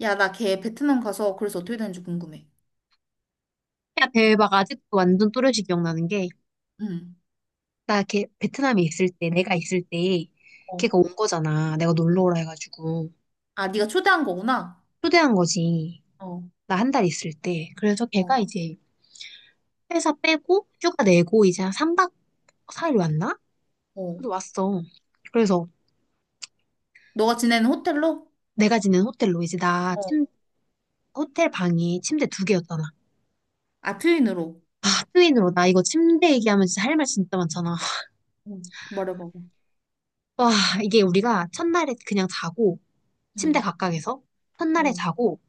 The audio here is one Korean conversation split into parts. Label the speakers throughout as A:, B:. A: 야, 나 걔 베트남 가서 그래서 어떻게 되는지 궁금해.
B: 야, 대박. 아직도 완전 또렷이 기억나는 게,
A: 응.
B: 나 걔, 베트남에 있을 때, 내가 있을 때,
A: 어.
B: 걔가 온 거잖아. 내가 놀러 오라 해가지고.
A: 아, 네가 초대한 거구나.
B: 초대한 거지.
A: 어,
B: 나 한 달 있을 때. 그래서
A: 어.
B: 걔가 이제 회사 빼고, 휴가 내고, 이제 한 3박 4일 왔나?
A: 어.
B: 그래서 왔어. 그래서
A: 너가 지내는 호텔로?
B: 내가 지낸 호텔로 이제
A: 어,
B: 호텔 방이 침대 두 개였잖아.
A: 아, 트윈으로.
B: 아, 트윈으로. 나 이거 침대 얘기하면 진짜 할 말 진짜 많잖아.
A: 응. 말해봐봐.
B: 와, 이게 우리가 첫날에 그냥 자고, 침대
A: 응.
B: 각각에서. 첫날에
A: 어.
B: 자고,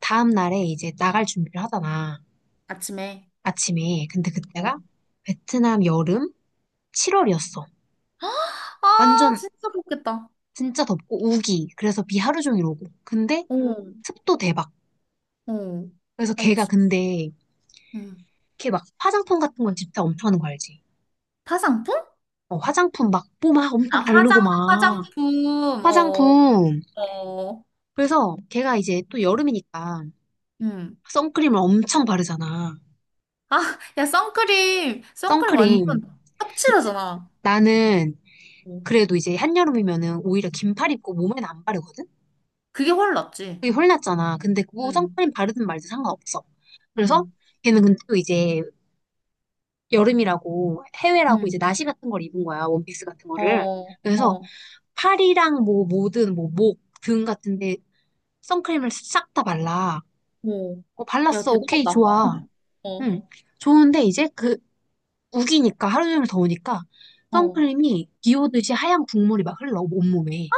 B: 다음 날에 이제 나갈 준비를 하잖아.
A: 아침에.
B: 아침에. 근데
A: 어.
B: 그때가 베트남 여름 7월이었어.
A: 아,
B: 완전
A: 진짜 좋겠다.
B: 진짜 덥고 우기. 그래서 비 하루 종일 오고. 근데
A: 어. 응.
B: 습도 대박.
A: 어.
B: 그래서 걔가
A: 알지.
B: 근데
A: 응.
B: 걔 막 화장품 같은 건 집착 엄청 하는 거 알지?
A: 화장품?
B: 어, 화장품 막 뽀막
A: 아,
B: 엄청 바르고 막
A: 화장품. 어.
B: 화장품.
A: 어.
B: 그래서 걔가 이제 또 여름이니까
A: 응.
B: 선크림을 엄청 바르잖아.
A: 아, 야, 선크림. 선크림
B: 선크림.
A: 완전 떡칠하잖아.
B: 나는
A: 어,
B: 그래도 이제 한여름이면은 오히려 긴팔 입고 몸에는 안 바르거든?
A: 그게 훨 낫지.
B: 그게 헐났잖아. 근데 그거
A: 응.
B: 선크림 바르든 말든 상관없어. 그래서
A: 응,
B: 걔는 근데 또 이제 여름이라고 해외라고
A: 응,
B: 이제 나시 같은 걸 입은 거야. 원피스 같은 거를.
A: 어,
B: 그래서
A: 어,
B: 팔이랑 뭐 모든 뭐 목, 등 같은데 선크림을 싹 다 발라.
A: 오.
B: 어,
A: 야,
B: 발랐어. 오케이,
A: 대단하다. 어,
B: 좋아. 응. 좋은데 이제 그 우기니까 하루 종일 더우니까
A: 어.
B: 선크림이 비 오듯이 하얀 국물이 막 흘러 온몸에.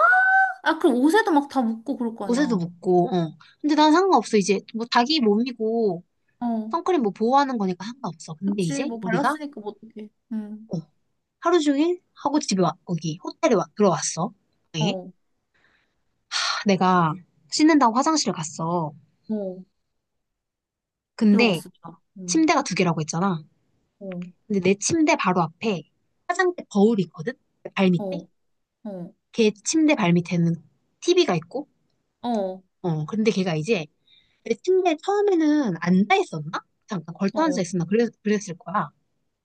A: 아, 그럼 옷에도 막 다 묻고 그럴 거
B: 옷에도
A: 아니야.
B: 묻고, 어. 근데 난 상관없어. 이제 뭐 자기 몸이고
A: 어,
B: 선크림 뭐 보호하는 거니까 상관없어. 근데
A: 그치.
B: 이제
A: 뭐
B: 우리가
A: 발랐으니까 뭐 어떡해. 응,
B: 어, 하루 종일 하고 집에 와, 거기 호텔에 와, 들어왔어. 네.
A: 어,
B: 아, 내가 씻는다고 화장실을 갔어.
A: 어.
B: 근데
A: 들어갔습니다. 응,
B: 침대가 두 개라고 했잖아.
A: 어,
B: 근데 내 침대 바로 앞에 화장대 거울이 있거든? 그 발 밑에?
A: 어, 어,
B: 걔 침대 발 밑에는 TV가 있고,
A: 어,
B: 어, 근데 걔가 이제 내 침대에 처음에는 앉아 있었나? 잠깐 걸터 앉아
A: 어,
B: 있었나? 그랬을 거야.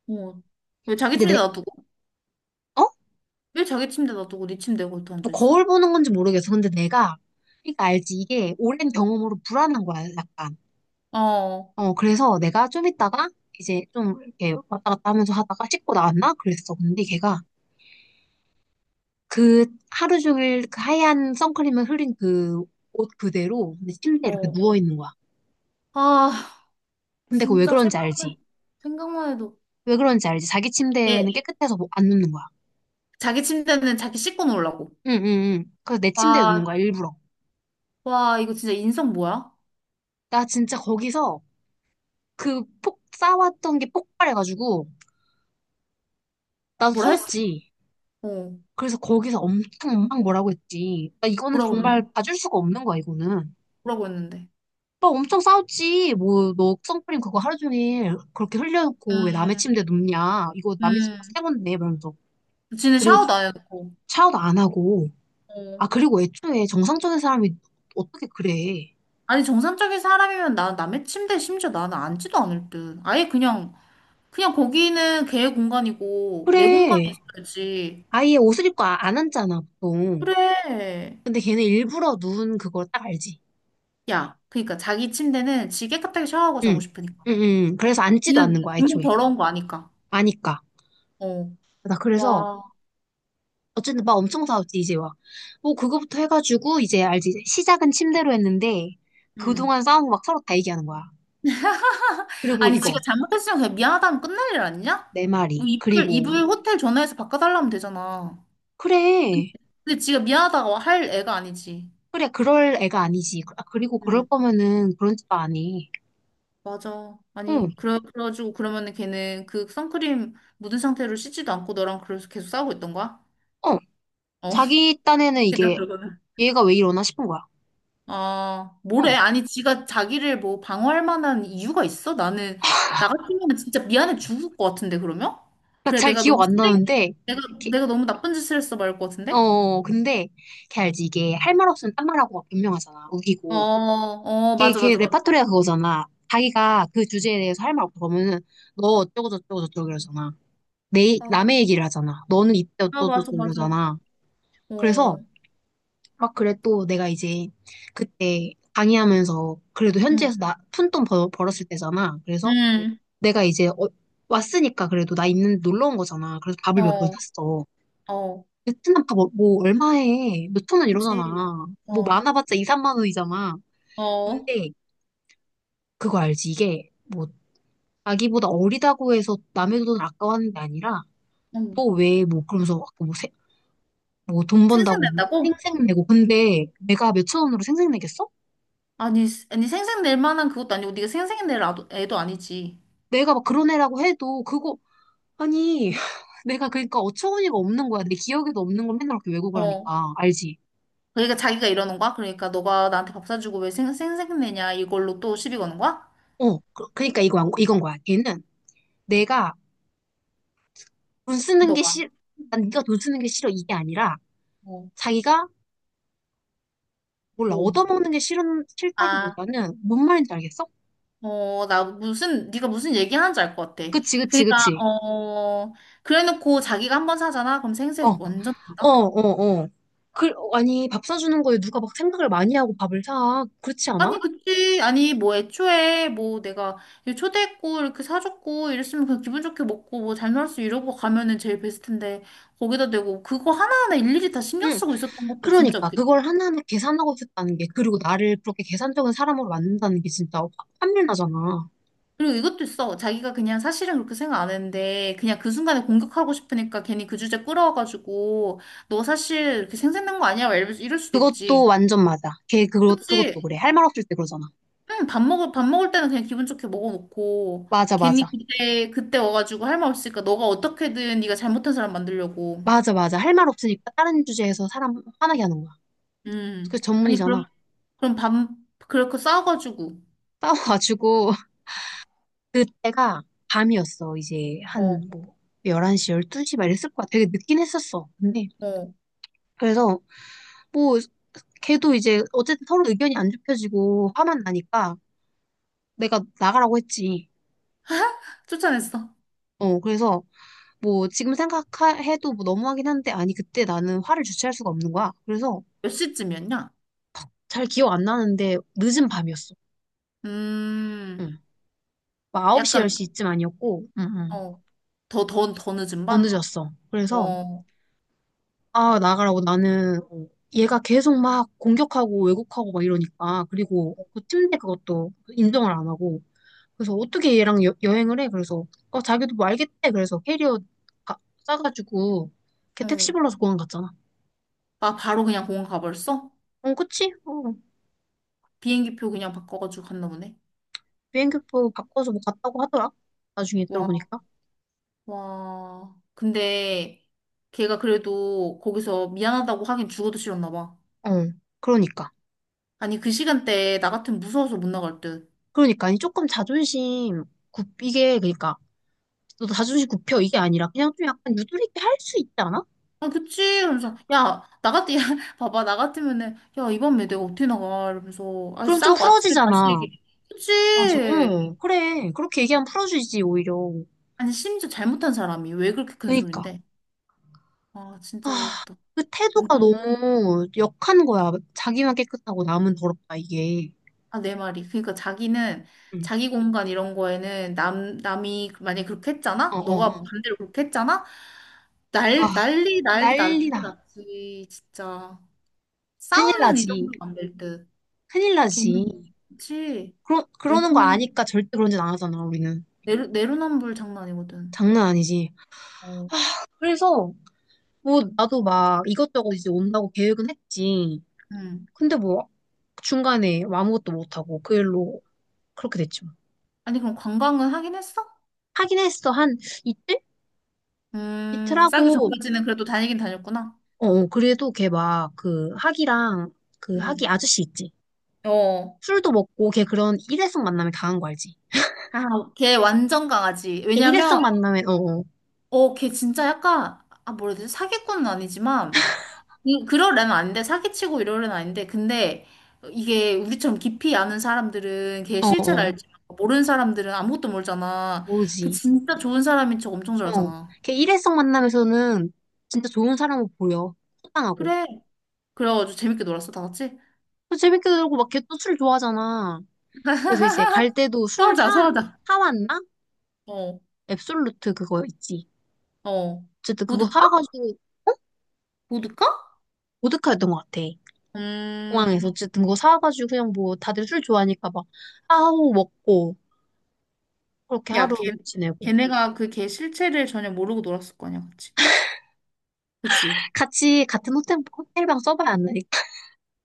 A: 어. 왜 자기
B: 근데
A: 침대
B: 내,
A: 놔두고?
B: 어?
A: 왜 자기 침대 놔두고 네 침대에 걸터
B: 뭐
A: 앉아있어?
B: 거울 보는 건지 모르겠어. 근데 내가, 그러니까 알지. 이게 오랜 경험으로 불안한 거야, 약간.
A: 어,
B: 어, 그래서 내가 좀 있다가 이제 좀 이렇게 왔다 갔다 하면서 하다가 씻고 나왔나? 그랬어. 근데 걔가 그 하루 종일 그 하얀 선크림에 흐린 그 옷 그대로 내 침대에 이렇게
A: 어.
B: 누워 있는 거야.
A: 아,
B: 근데 그 왜
A: 진짜
B: 그런지 알지?
A: 생각만 해도.
B: 왜 그런지 알지? 자기 침대는
A: 예,
B: 깨끗해서 뭐안 눕는 거야.
A: 자기 침대는 자기 씻고 놀라고.
B: 응, 응, 응. 그래서 내 침대에 누는 거야,
A: 와,
B: 일부러.
A: 와, 이거 진짜 인성 뭐야?
B: 나 진짜 거기서 쌓아왔던 게 폭발해가지고 나도
A: 뭐라 했어?
B: 터졌지.
A: 어,
B: 그래서 거기서 엄청 엄청 뭐라고 했지. 나 이거는
A: 뭐라고 했는데?
B: 정말 봐줄 수가 없는 거야, 이거는.
A: 뭐라고 했는데?
B: 막 엄청 싸웠지. 뭐, 너 선크림 그거 하루 종일 그렇게 흘려놓고 왜 남의
A: 음,
B: 침대 눕냐. 이거 남의 집
A: 음.
B: 새 건데, 이러면서.
A: 지는
B: 그리고
A: 샤워도 안 해놓고.
B: 샤워도 안 하고.
A: 어.
B: 아, 그리고 애초에 정상적인 사람이 어떻게 그래.
A: 아니, 정상적인 사람이면 나 남의 침대 심지어 나는 앉지도 않을 듯. 아예 그냥 거기는 걔의 공간이고, 내 공간이
B: 그래.
A: 있어야지.
B: 아예 옷을 입고 안 앉잖아, 보통.
A: 그래.
B: 근데 걔는 일부러 누운 그걸 딱 알지.
A: 야, 그러니까 자기 침대는 지 깨끗하게 샤워하고 자고
B: 응.
A: 싶으니까.
B: 응, 응. 그래서 앉지도 않는
A: 지는
B: 거야,
A: 기분
B: 애초에.
A: 더러운 거 아니까.
B: 아니까.
A: 어.
B: 나 그래서
A: 와.
B: 어쨌든 막 엄청 싸웠지, 이제 와. 뭐, 그거부터 해가지고, 이제 알지, 이제 시작은 침대로 했는데,
A: 응.
B: 그동안 싸운 거 막 서로 다 얘기하는 거야. 그리고
A: 아니, 지가
B: 이거,
A: 잘못했으면 그냥 미안하다면 끝날 일 아니냐?
B: 내
A: 뭐
B: 말이. 그리고,
A: 이불 호텔 전화해서 바꿔달라면 되잖아.
B: 그래,
A: 근데 지가 미안하다고 할 애가 아니지.
B: 그래, 그럴 애가 아니지. 아, 그리고 그럴
A: 응,
B: 거면은 그런 짓도 안 해.
A: 맞아.
B: 응,
A: 아니, 그래, 그래가지고 그러면은 걔는 그 선크림 묻은 상태로 씻지도 않고 너랑 그래서 계속 싸우고 있던 거야?
B: 어,
A: 어,
B: 자기 딴에는
A: 웃기다,
B: 이게,
A: 그거는.
B: 얘가 왜 이러나 싶은 거야.
A: 아,
B: 어,
A: 뭐래? 아니, 지가 자기를 뭐 방어할 만한 이유가 있어? 나 같으면 진짜 미안해 죽을 것 같은데, 그러면?
B: 그러니까
A: 그래,
B: 잘
A: 내가
B: 기억
A: 너무
B: 안
A: 쓰레기,
B: 나는데,
A: 내가,
B: 걔-
A: 내가 너무 나쁜 짓을 했어, 말할 것 같은데?
B: 어, 근데, 걔 알지, 이게 할 말 없으면 딴 말하고 막 변명하잖아,
A: 어,
B: 우기고.
A: 어,
B: 걔,
A: 맞아,
B: 걔
A: 맞아, 맞아.
B: 레파토리가 그거잖아. 자기가 그 주제에 대해서 할 말 없다 그면은 너 어쩌고 저쩌고 저쩌고 이러잖아. 내
A: 아,
B: 남의 얘기를 하잖아. 너는 이때
A: 아,
B: 어쩌고
A: 맞아,
B: 저쩌고
A: 맞아.
B: 이러잖아. 그래서
A: 어,
B: 막 그래 또 내가 이제 그때 강의하면서 그래도
A: 응,
B: 현지에서 나 푼 돈 었을 때잖아. 그래서
A: 응,
B: 내가 이제 왔으니까 그래도 나 있는 놀러 온 거잖아. 그래서 밥을 몇 번
A: 어,
B: 샀어.
A: 어,
B: 베트남 밥뭐 얼마 해? 몇천 원
A: 그치.
B: 이러잖아. 뭐
A: 어,
B: 많아봤자 2, 3만 원이잖아.
A: 어,
B: 근데 그거 알지? 이게 뭐 자기보다 어리다고 해서 남의 돈 아까워하는 게 아니라
A: 응.
B: 또 왜 뭐 그러면서 막 뭐 돈
A: 생색
B: 번다고
A: 낸
B: 뭐
A: 다고
B: 생색 내고 근데 내가 몇천 원으로 생색 내겠어?
A: 아니, 아니, 생색낼 만한 그것도 아니고, 네가 생색낼 애도 아니지.
B: 내가 막 그런 애라고 해도 그거 아니 내가 그러니까 어처구니가 없는 거야 내 기억에도 없는 걸 맨날 그렇게 왜곡을
A: 어,
B: 하니까 알지?
A: 그러니까 자기가 이러는 거야? 그러니까 너가 나한테 밥 사주고 왜 생색내냐 이걸로 또 시비 거는 거야?
B: 그러니까 이거 이건 거야 걔는 내가 돈 쓰는 게
A: 너가.
B: 싫, 난 네가 돈 쓰는 게 싫어 이게 아니라
A: 어,
B: 자기가 몰라
A: 뭐.
B: 얻어먹는 게 싫은
A: 아.
B: 싫다기보다는 뭔 말인지 알겠어?
A: 어, 네가 무슨 얘기하는지 알 것 같아.
B: 그치 그치
A: 그러니까,
B: 그치
A: 어, 그래놓고 자기가 한 번 사잖아? 그럼
B: 어.
A: 생색
B: 어,
A: 완전 된다?
B: 어, 어. 그, 아니, 밥 사주는 거에 누가 막 생각을 많이 하고 밥을 사. 그렇지 않아?
A: 아니, 그치. 아니, 뭐 애초에 뭐 내가 이렇게 초대했고, 이렇게 사줬고, 이랬으면 그냥 기분 좋게 먹고, 뭐 잘 놀았어, 이러고 가면은 제일 베스트인데, 거기다 대고 그거 하나하나 일일이 다 신경
B: 응.
A: 쓰고 있었던 것도 진짜
B: 그러니까,
A: 웃기다.
B: 그걸 하나하나 계산하고 있었다는 게, 그리고 나를 그렇게 계산적인 사람으로 만든다는 게 진짜 환멸 나잖아.
A: 그리고 이것도 있어. 자기가 그냥 사실은 그렇게 생각 안 했는데, 그냥 그 순간에 공격하고 싶으니까 괜히 그 주제 끌어와가지고, 너 사실 이렇게 생색낸 거 아니야? 막 이럴 수도 있지.
B: 그것도 완전 맞아. 그것도
A: 그치?
B: 그래. 할 말 없을 때 그러잖아.
A: 응, 밥 먹을 때는 그냥 기분 좋게 먹어놓고,
B: 맞아,
A: 괜히
B: 맞아.
A: 그때 와가지고 할 말 없으니까 너가 어떻게든 네가 잘못한 사람 만들려고.
B: 맞아, 맞아. 할 말 없으니까 다른 주제에서 사람 화나게 하는 거야.
A: 음.
B: 그
A: 아니, 그럼,
B: 전문이잖아.
A: 그럼 그렇게 싸워가지고,
B: 싸워가지고, 그때가 밤이었어. 이제 한,
A: 어,
B: 뭐, 11시, 12시 막 이랬을 거야. 되게 늦긴 했었어. 근데,
A: 어,
B: 그래서, 뭐, 걔도 이제 어쨌든 서로 의견이 안 좁혀지고 화만 나니까 내가 나가라고 했지.
A: 쫓아냈어.
B: 어, 그래서 뭐 지금 생각해도 뭐 너무하긴 한데 아니 그때 나는 화를 주체할 수가 없는 거야. 그래서
A: 몇 시쯤이었냐?
B: 잘 기억 안 나는데 늦은 밤이었어.
A: 음,
B: 응. 막 9시,
A: 약간,
B: 10시쯤 아니었고 응, 응.
A: 어, 더, 더, 더 늦은
B: 더
A: 밤?
B: 늦었어. 그래서
A: 어,
B: 아, 나가라고 나는 어, 얘가 계속 막 공격하고 왜곡하고 막 이러니까 그리고 그 침대 그것도 인정을 안 하고 그래서 어떻게 얘랑 행을 해? 그래서 어 자기도 뭐 알겠대. 그래서 캐리어 가- 싸가지고 걔 택시
A: 어.
B: 불러서 공항 갔잖아.
A: 아, 바로 그냥 공항 가버렸어?
B: 어 그치? 어
A: 비행기표 그냥 바꿔가지고 갔나 보네.
B: 비행기표 바꿔서 뭐 갔다고 하더라. 나중에
A: 와.
B: 들어보니까.
A: 와, 근데 걔가 그래도 거기서 미안하다고 하긴 죽어도 싫었나 봐.
B: 어 그러니까
A: 아니, 그 시간대에 나 같으면 무서워서 못 나갈 듯.
B: 그러니까 아니 조금 자존심 굽 이게 그러니까 너 자존심 굽혀 이게 아니라 그냥 좀 약간 유도리 있게 할 수 있지 않아?
A: 아, 그치? 이러면서, 야, 야, 봐봐, 나 같으면은, 야, 이번에 내가 어떻게 나가? 이러면서, 아,
B: 그럼 좀
A: 싸우고 아침에 다시
B: 풀어지잖아.
A: 얘기. 그치?
B: 맞아. 응 그래 그렇게 얘기하면 풀어지지 오히려.
A: 아니, 심지어 잘못한 사람이 왜 그렇게 큰
B: 그러니까.
A: 소린데? 아, 진짜
B: 아,
A: 외롭다.
B: 그 태도가
A: 완전.
B: 너무 역한 거야. 자기만 깨끗하고 남은 더럽다, 이게.
A: 아, 내 말이. 그러니까 자기는
B: 응.
A: 자기 공간 이런 거에는 남이 만약에 그렇게
B: 어,
A: 했잖아?
B: 어,
A: 너가
B: 어.
A: 반대로 그렇게 했잖아?
B: 아,
A: 난리, 난리,
B: 난리
A: 난리
B: 나.
A: 났지. 진짜.
B: 큰일
A: 싸우는 이
B: 나지.
A: 정도는 안 될 듯.
B: 큰일 나지.
A: 걔는. 그치?
B: 그러는 거
A: 왜냐면
B: 아니까 절대 그런 짓 안 하잖아, 우리는.
A: 내로남불 장난 아니거든.
B: 장난 아니지.
A: 어.
B: 그래서, 뭐, 나도 막 이것저것 이제 온다고 계획은 했지.
A: 음.
B: 근데 뭐, 중간에 뭐 아무것도 못하고 그 일로 그렇게 됐죠.
A: 아니, 그럼 관광은 하긴 했어?
B: 하긴 했어. 한 이틀? 이틀
A: 싸기
B: 하고,
A: 전까지는 그래도 다니긴 다녔구나.
B: 어, 어, 그래도 걔 막 그 학이랑 그
A: 음.
B: 학이 아저씨 있지.
A: 어.
B: 술도 먹고 걔 그런 일회성 만남에 강한 거 알지?
A: 아, 걔 완전 강아지.
B: 걔 일회성
A: 왜냐면
B: 만남에 어어
A: 어, 걔 진짜 약간, 아, 뭐라 해야 되지? 사기꾼은 아니지만, 그럴 애는 아닌데, 사기치고 이럴 애는 아닌데, 근데 이게 우리처럼 깊이 아는 사람들은 걔
B: 어어
A: 실체를 알지만, 모르는 사람들은 아무것도 모르잖아. 그
B: 모르지.
A: 진짜 좋은 사람인 척 엄청
B: 어.
A: 잘하잖아.
B: 걔 일회성 만남에서는 진짜 좋은 사람으로 보여. 호탕하고.
A: 그래. 그래가지고 재밌게 놀았어, 다 같이.
B: 또 재밌게 놀고 막 걔 또 술 좋아하잖아. 그래서 이제 갈 때도
A: 소화자, 소화자.
B: 사왔나?
A: 어,
B: 앱솔루트 그거 있지.
A: 어.
B: 어쨌든 그거
A: 보드카?
B: 사와가지고
A: 보드카?
B: 보드카였던 것 같아. 공항에서
A: 음,
B: 어쨌든 그거 사와가지고 그냥 뭐 다들 술 좋아하니까 막 하고 먹고 그렇게
A: 야,
B: 하루 지내고
A: 걔네가 그 걔 실체를 전혀 모르고 놀았을 거 아니야, 그치? 그치?
B: 같이 같은 호텔 호텔방 써봐야 안 나?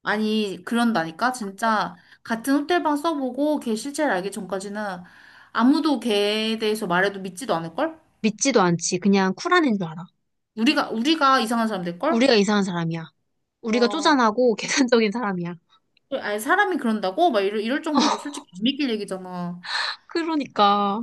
A: 아니, 그런다니까? 진짜 같은 호텔방 써보고 걔 실체를 알기 전까지는 아무도 걔에 대해서 말해도 믿지도 않을걸?
B: 믿지도 않지. 그냥 쿨한 애인 줄 알아.
A: 우리가 이상한 사람 될걸?
B: 우리가 이상한 사람이야. 우리가
A: 와,
B: 쪼잔하고 계산적인 사람이야.
A: 아니, 사람이 그런다고? 막 이럴 정도로 솔직히 안 믿길 얘기잖아.
B: 그러니까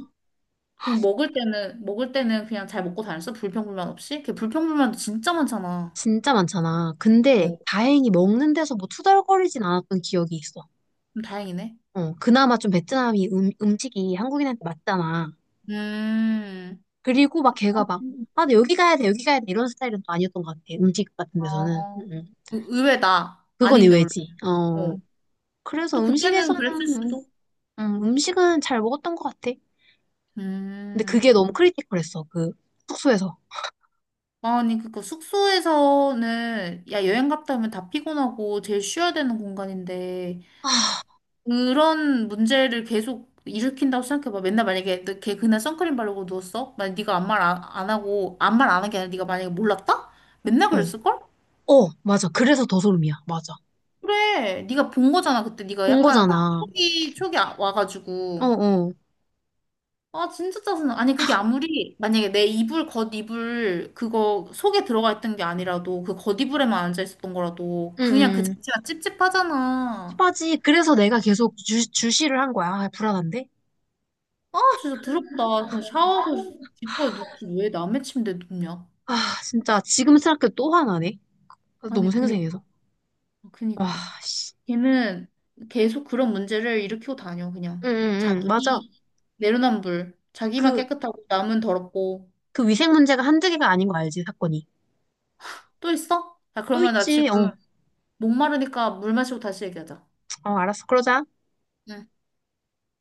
A: 그럼 먹을 때는 그냥 잘 먹고 다녔어? 불평불만 없이? 걔 불평불만도 진짜 많잖아.
B: 진짜 많잖아. 근데
A: 어,
B: 다행히 먹는 데서 뭐 투덜거리진 않았던 기억이 있어.
A: 그럼 다행이네.
B: 어, 그나마 좀 베트남이 음식이 한국인한테 맞잖아.
A: 음,
B: 그리고 막 걔가 막, 아, 나 여기 가야 돼, 여기 가야 돼 이런 스타일은 또 아니었던 것 같아. 음식 같은 데서는.
A: 어, 의외다.
B: 그건
A: 아닌데, 원래.
B: 의외지.
A: 어.
B: 어, 그래서
A: 또 그때는 그랬을
B: 음식에서는
A: 수도.
B: 음식은 잘 먹었던 것 같아. 근데
A: 음.
B: 그게 너무 크리티컬했어. 그 숙소에서.
A: 아니, 그니까 숙소에서는, 야, 여행 갔다 오면 다 피곤하고 제일 쉬어야 되는 공간인데, 그런 문제를 계속 일으킨다고 생각해봐. 맨날 만약에 너걔 그날 선크림 바르고 누웠어? 만약 네가 아무 말 안 하고, 아무 말 안 한 게 아니라 네가 만약에 몰랐다? 맨날
B: 어.
A: 그랬을걸?
B: 어, 맞아. 그래서 더 소름이야. 맞아.
A: 그래, 네가 본 거잖아. 그때 네가
B: 본
A: 약간 뭐,
B: 거잖아.
A: 촉이
B: 어,
A: 와가지고.
B: 어.
A: 아, 진짜 짜증나. 아니, 그게 아무리, 만약에 내 겉이불, 그거 속에 들어가 있던 게 아니라도, 그 겉이불에만 앉아 있었던 거라도,
B: 응,
A: 그냥 그
B: 응.
A: 자체가 찝찝하잖아.
B: 빠지 그래서 내가 계속 주시를 한 거야. 아, 불안한데?
A: 아, 진짜 더럽다. 그냥 샤워하고 뒷거에 눕지. 왜 남의 침대에 눕냐?
B: 아, 진짜. 지금 생각해도 또 화나네. 아,
A: 아니,
B: 너무
A: 그니까,
B: 생생해서. 와,
A: 그니까.
B: 씨.
A: 걔는 계속 그런 문제를 일으키고 다녀,
B: 응,
A: 그냥.
B: 응, 응. 맞아.
A: 자기, 내로남불. 자기만
B: 그,
A: 깨끗하고, 남은 더럽고.
B: 그 위생 문제가 한두 개가 아닌 거 알지, 사건이.
A: 또 있어? 자
B: 또
A: 그러면 나
B: 있지. 어,
A: 지금 목마르니까 물 마시고 다시 얘기하자.
B: 어, 알았어. 그러자.
A: 응.